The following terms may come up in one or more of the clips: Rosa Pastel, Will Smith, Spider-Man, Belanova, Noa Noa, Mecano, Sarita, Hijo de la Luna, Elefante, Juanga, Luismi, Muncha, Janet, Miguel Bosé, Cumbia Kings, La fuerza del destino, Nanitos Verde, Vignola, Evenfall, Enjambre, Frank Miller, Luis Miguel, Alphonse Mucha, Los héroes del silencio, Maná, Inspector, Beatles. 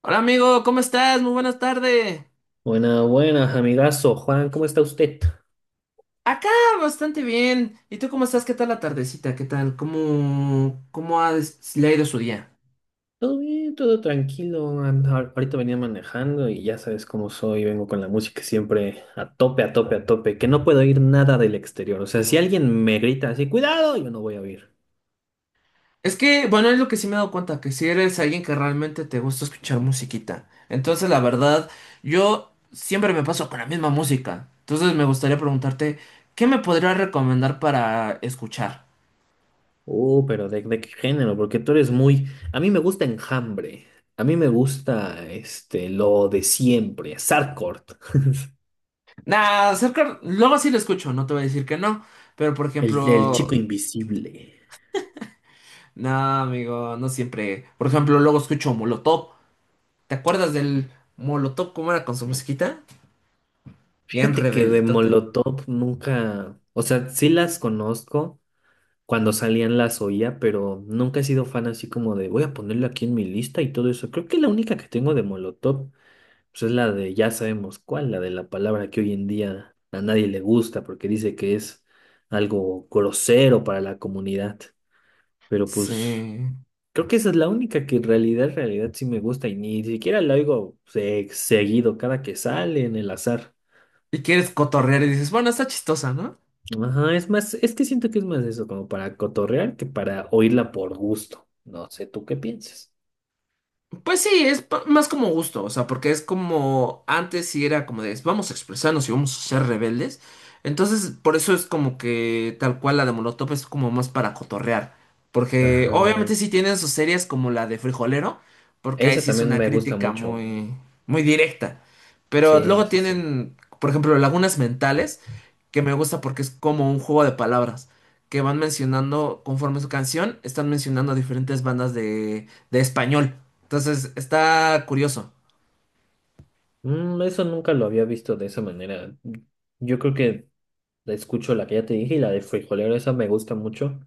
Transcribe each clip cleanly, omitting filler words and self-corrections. Hola amigo, ¿cómo estás? Muy buenas tardes. Buenas, buenas, amigazo. Juan, ¿cómo está usted? Acá bastante bien. ¿Y tú cómo estás? ¿Qué tal la tardecita? ¿Qué tal? ¿Cómo le ha ido su día? Todo bien, todo tranquilo. Ahorita venía manejando y ya sabes cómo soy. Vengo con la música siempre a tope, a tope, a tope. Que no puedo oír nada del exterior. O sea, si alguien me grita así, cuidado, yo no voy a oír. Es que, bueno, es lo que sí me he dado cuenta, que si eres alguien que realmente te gusta escuchar musiquita. Entonces, la verdad, yo siempre me paso con la misma música. Entonces, me gustaría preguntarte, ¿qué me podrías recomendar para escuchar? Pero ¿de qué género? Porque tú eres muy... A mí me gusta Enjambre. A mí me gusta este, lo de siempre. Sarkort. Nah, luego sí lo escucho, no te voy a decir que no. Pero, por El ejemplo... chico invisible. No, amigo, no siempre. Por ejemplo, luego escucho Molotov. ¿Te acuerdas del Molotov cómo era con su musiquita? Bien Fíjate que de rebeldote. Molotov nunca... O sea, sí las conozco. Cuando salían las oía, pero nunca he sido fan así como de voy a ponerla aquí en mi lista y todo eso. Creo que la única que tengo de Molotov pues es la de ya sabemos cuál, la de la palabra que hoy en día a nadie le gusta porque dice que es algo grosero para la comunidad. Pero pues Sí. creo que esa es la única que en realidad sí me gusta y ni siquiera la oigo seguido cada que sale en el azar. Y quieres cotorrear y dices, bueno, está chistosa, ¿no? Ajá, es más, es que siento que es más eso, como para cotorrear que para oírla por gusto. No sé, ¿tú qué piensas? Pues sí, es más como gusto, o sea, porque es como antes sí era como de vamos a expresarnos y vamos a ser rebeldes. Entonces, por eso es como que tal cual la de Molotov es como más para cotorrear. Porque Ajá. obviamente sí tienen sus series como la de Frijolero, porque ahí Esa sí es también una me gusta crítica mucho. muy, muy directa. Pero Sí, luego sí, sí. tienen, por ejemplo, Lagunas Mentales que me gusta porque es como un juego de palabras, que van mencionando, conforme su canción, están mencionando diferentes bandas de español. Entonces, está curioso, Mm, eso nunca lo había visto de esa manera. Yo creo que la escucho la que ya te dije y la de frijolero, esa me gusta mucho.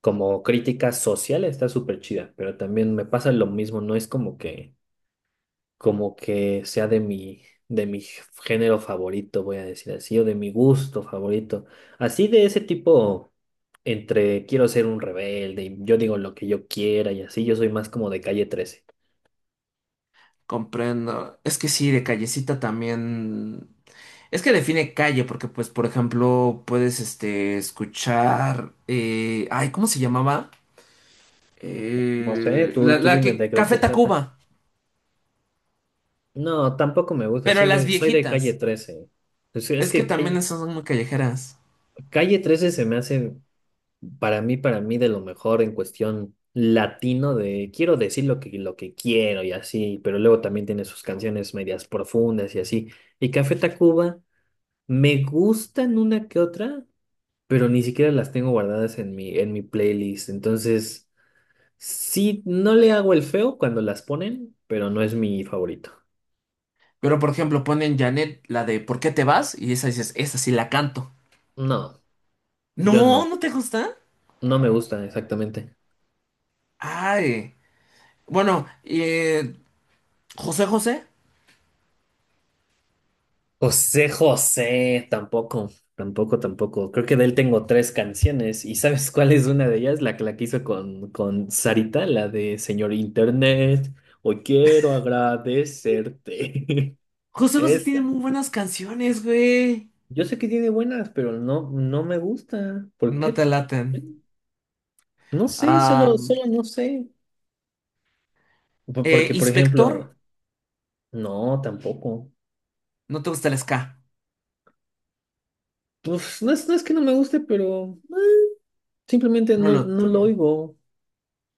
Como crítica social está súper chida, pero también me pasa lo mismo, no es como que sea de mi género favorito, voy a decir así, o de mi gusto favorito. Así de ese tipo, entre quiero ser un rebelde, y yo digo lo que yo quiera y así, yo soy más como de calle trece. comprendo. Es que sí, de callecita también. Es que define calle, porque pues, por ejemplo, puedes escuchar... ay, ¿cómo se llamaba? No sé, Eh, tú, la, tú la dime de, que... de Café qué trata. Tacuba, No, tampoco me gusta, pero las soy de calle viejitas. trece. Pues es Es que que también calle, esas son muy callejeras. calle trece se me hace para mí de lo mejor en cuestión latino de quiero decir lo que quiero y así, pero luego también tiene sus canciones medias profundas y así. Y Café Tacuba me gustan una que otra, pero ni siquiera las tengo guardadas en mi playlist. Entonces, sí, no le hago el feo cuando las ponen, pero no es mi favorito. Pero, por ejemplo, ponen Janet, la de ¿Por qué te vas? Y esa dices, esa sí la canto. No. Yo No, no, ¿no te gusta? no me gustan exactamente. Ay. Bueno, eh, José José. José José, tampoco, tampoco, tampoco. Creo que de él tengo tres canciones y ¿sabes cuál es una de ellas? La que hizo con Sarita, la de Señor Internet, hoy quiero agradecerte. José José tiene Esa. muy buenas canciones, güey. Yo sé que tiene buenas, pero no, no me gusta. ¿Por No qué? te laten. No sé, Ah, solo, solo no sé. Por- Porque, por Inspector, ejemplo, no, tampoco. no te gusta el ska. Pues no es, no es que no me guste, pero... Simplemente No no, lo no lo tuyo. oigo.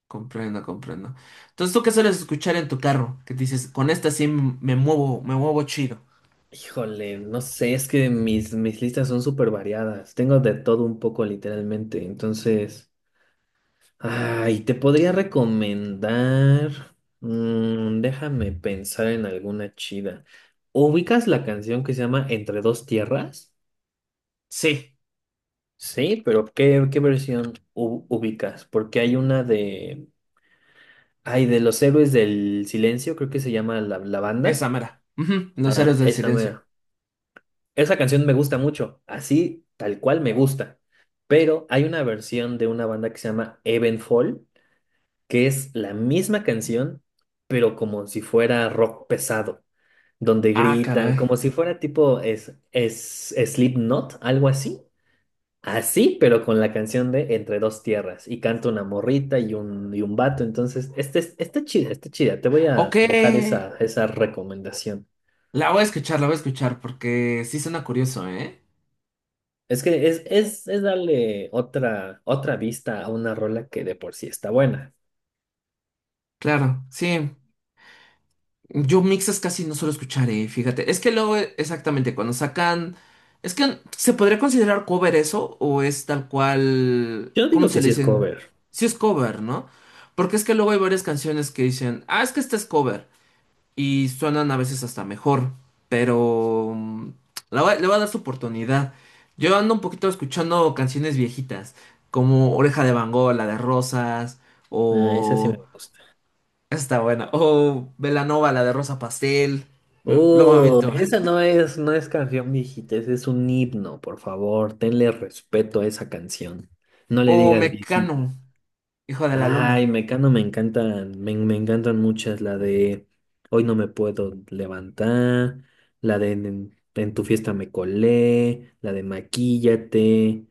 Comprendo, comprendo. Entonces, ¿tú qué sueles escuchar en tu carro? Que dices, con esta sí me muevo chido. Híjole, no sé, es que mis, mis listas son súper variadas. Tengo de todo un poco, literalmente. Entonces, ay, te podría recomendar. Déjame pensar en alguna chida. ¿Ubicas la canción que se llama Entre dos tierras? Sí, Sí, pero ¿qué, qué versión ubicas? Porque hay una de. Ay, de Los Héroes del Silencio, creo que se llama la, la esa banda. mera. Ujú, los Ah, Héroes del esa Silencio. mera. Esa canción me gusta mucho, así tal cual me gusta. Pero hay una versión de una banda que se llama Evenfall, que es la misma canción, pero como si fuera rock pesado, donde Ah, gritan, caray. como si fuera tipo Slipknot, algo así. Así, pero con la canción de Entre dos tierras. Y canta una morrita y un vato. Entonces, este, está chida, está chida. Te voy Ok, a dejar esa, esa recomendación. la voy a escuchar, la voy a escuchar porque sí suena curioso, ¿eh? Es que es darle otra, otra vista a una rola que de por sí está buena. Claro, sí. Yo mixes casi no suelo escuchar, ¿eh? Fíjate. Es que luego, exactamente, cuando sacan. Es que se podría considerar cover eso o es tal cual. Yo ¿Cómo digo se que le sí es dicen? cover. Sí es cover, ¿no? Porque es que luego hay varias canciones que dicen, ah, es que este es cover, y suenan a veces hasta mejor, pero le voy a dar su oportunidad. Yo ando un poquito escuchando canciones viejitas, como Oreja de Van Gogh, la de Rosas, Ah, esa sí me o... gusta. esa está buena. O Belanova, la de Rosa Pastel. Luego me Oh, meto. esa no es, no es canción viejita, ese es un himno, por favor. Tenle respeto a esa canción. No le O digas viejita. Mecano, Hijo de la Ay, Luna. Mecano me encantan, me encantan muchas, la de Hoy no me puedo levantar, la de en tu fiesta me colé, la de Maquíllate,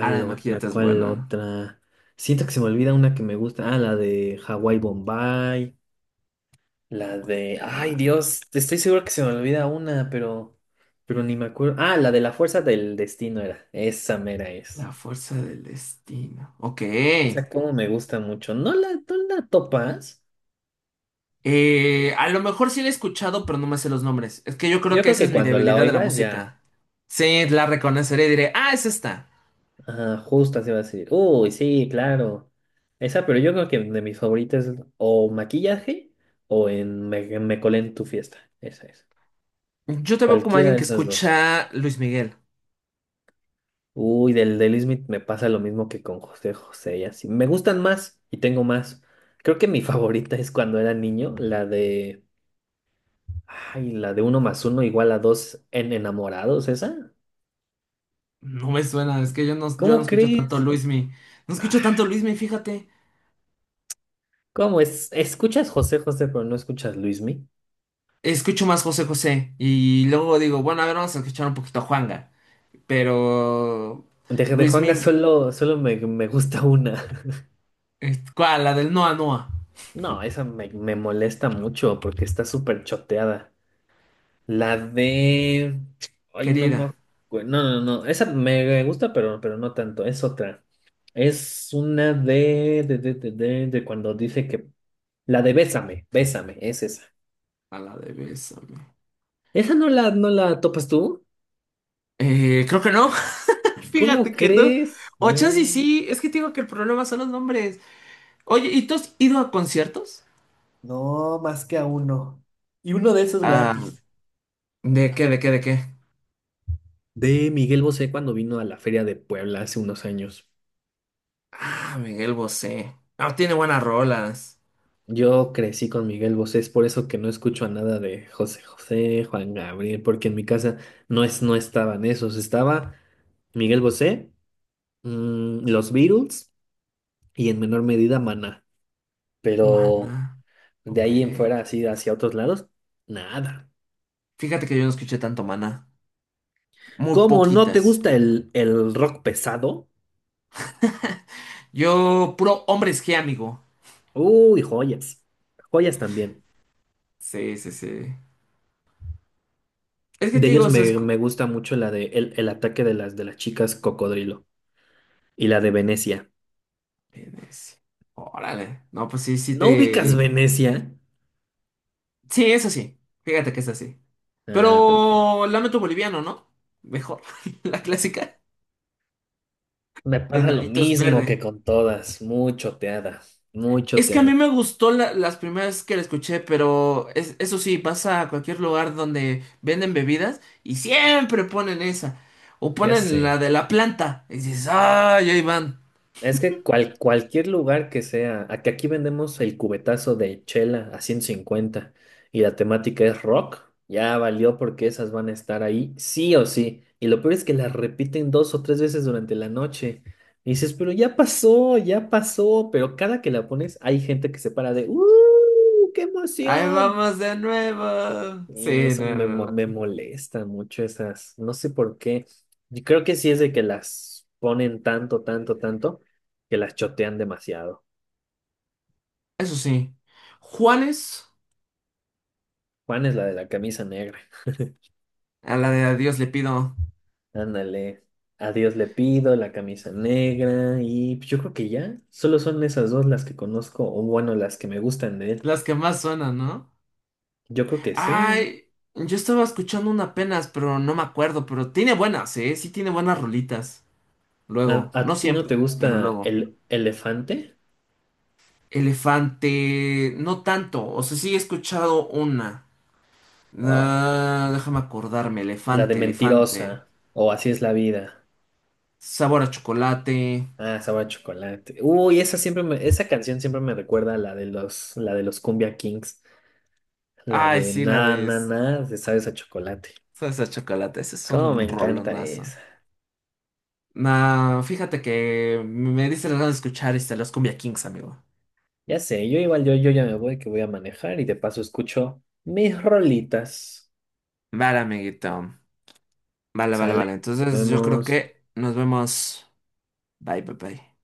Ah, la otra? maquilleta es ¿Cuál buena. otra? Siento que se me olvida una que me gusta, ah, la de Hawái Bombay, ay Dios, estoy seguro que se me olvida una, pero ni me acuerdo, ah, la de La Fuerza del Destino era, esa mera es, La fuerza del destino. Ok. esa como me gusta mucho, ¿no la, no la topas? A lo mejor sí la he escuchado, pero no me sé los nombres. Es que yo creo Yo que creo esa es que mi cuando la debilidad de la oigas ya, música. Sí, la reconoceré y diré, ah, es esta. ajá, justo se va a decir, uy, sí, claro. Esa, pero yo creo que de mis favoritas es o maquillaje o en me, me colé en tu fiesta. Esa es. Yo te veo como Cualquiera alguien de que esas dos. escucha Luis Miguel. Uy, del de Will Smith me pasa lo mismo que con José José y así. Me gustan más y tengo más. Creo que mi favorita es cuando era niño, la de, ay, la de uno más uno igual a dos en enamorados, esa. No me suena, es que yo no ¿Cómo escucho tanto crees? Luis Mi. No Ah, escucho tanto Luis Mi, fíjate. ¿cómo es? Escuchas José José, pero no escuchas Luismi. Escucho más José José. Y luego digo, bueno, a ver, vamos a escuchar un poquito a Juanga. Pero. De Luis Juanga Mi. solo, solo me, me gusta una. Eh, ¿cuál? La del Noa Noa. No, esa me, me molesta mucho porque está súper choteada. La de... Ay, no me Querida. No, no, no. Esa me gusta, pero no tanto. Es otra. Es una de cuando dice que... La de Bésame, Bésame, es esa. A la de Bésame. ¿Esa no la, no la topas tú? Creo que no. ¿Cómo Fíjate que no. crees? O chance y Mm, sí, es que te digo que el problema son los nombres. Oye, ¿y tú has ido a conciertos? no, más que a uno. Y uno de esos Ah, gratis. De qué? De Miguel Bosé cuando vino a la Feria de Puebla hace unos años. Ah, Miguel Bosé. Ah, tiene buenas rolas. Yo crecí con Miguel Bosé, es por eso que no escucho a nada de José José, Juan Gabriel, porque en mi casa no es, no estaban esos, estaba Miguel Bosé, mm, los Beatles y en menor medida Maná, pero Mana. de Ok. ahí en fuera así hacia otros lados, nada. Fíjate que yo no escuché tanto Mana. Muy ¿Cómo no te poquitas. gusta el rock pesado? Yo, puro Hombres G, amigo. Uy, joyas, joyas también. Sí, sí, sí. Es que De te digo, ellos o sea, es... me, cu- me gusta mucho la de el ataque de las chicas cocodrilo y la de Venecia. Venecia. Órale. No, pues sí, sí ¿No ubicas te... Venecia? Sí, es así. Fíjate que es así. Ah, perfecto. Pero Lamento Boliviano, ¿no? Mejor. La clásica Me de pasa lo Nanitos mismo que Verde. con todas, muy choteada, muy Es que a mí choteada. me gustó las primeras que la escuché, pero eso sí, vas a cualquier lugar donde venden bebidas y siempre ponen esa. O Ya ponen sé. la de la planta. Y dices, ¡ay, ahí van! Es que cualquier lugar que sea, a que aquí vendemos el cubetazo de chela a 150 y la temática es rock, ya valió porque esas van a estar ahí sí o sí. Y lo peor es que las repiten dos o tres veces durante la noche. Y dices, pero ya pasó, ya pasó. Pero cada que la pones hay gente que se para de, ¡uh! ¡Qué ¡Ahí emoción! vamos de nuevo! Y Sí, eso no, me, no, me no. molesta mucho esas, no sé por qué. Yo creo que sí es de que las ponen tanto, tanto, tanto, que las chotean demasiado. Eso sí. Juanes, Juan es la de la camisa negra. a la de A Dios le Pido. Ándale, a Dios le pido la camisa negra y pues, yo creo que ya, solo son esas dos las que conozco, o bueno, las que me gustan de él. Las que más suenan, ¿no? Yo creo que sí. Ay, yo estaba escuchando una apenas, pero no me acuerdo, pero tiene buenas, ¿eh? Sí tiene buenas rolitas. Luego, no A ti no siempre, te pero gusta luego. el elefante? Elefante, no tanto, o sea, sí he escuchado una. Ah, Ah, déjame acordarme, la de elefante, elefante. mentirosa, o así es la vida. Sabor a chocolate. Ah, sabor a chocolate. Uy, esa siempre me- esa canción siempre me recuerda a la de los Cumbia Kings, la Ay, de sí, na na na, de sabes a chocolate. salsa de chocolate, ese es Cómo me un encanta rolonazo. esa. Nah, fíjate que me dice las ganas de escuchar los Cumbia Kings, amigo. Ya sé, yo igual yo, yo ya me voy que voy a manejar y de paso escucho mis rolitas. Vale, amiguito. Vale, vale, Sale. vale. Nos Entonces yo creo vemos. que nos vemos. Bye, bye, bye.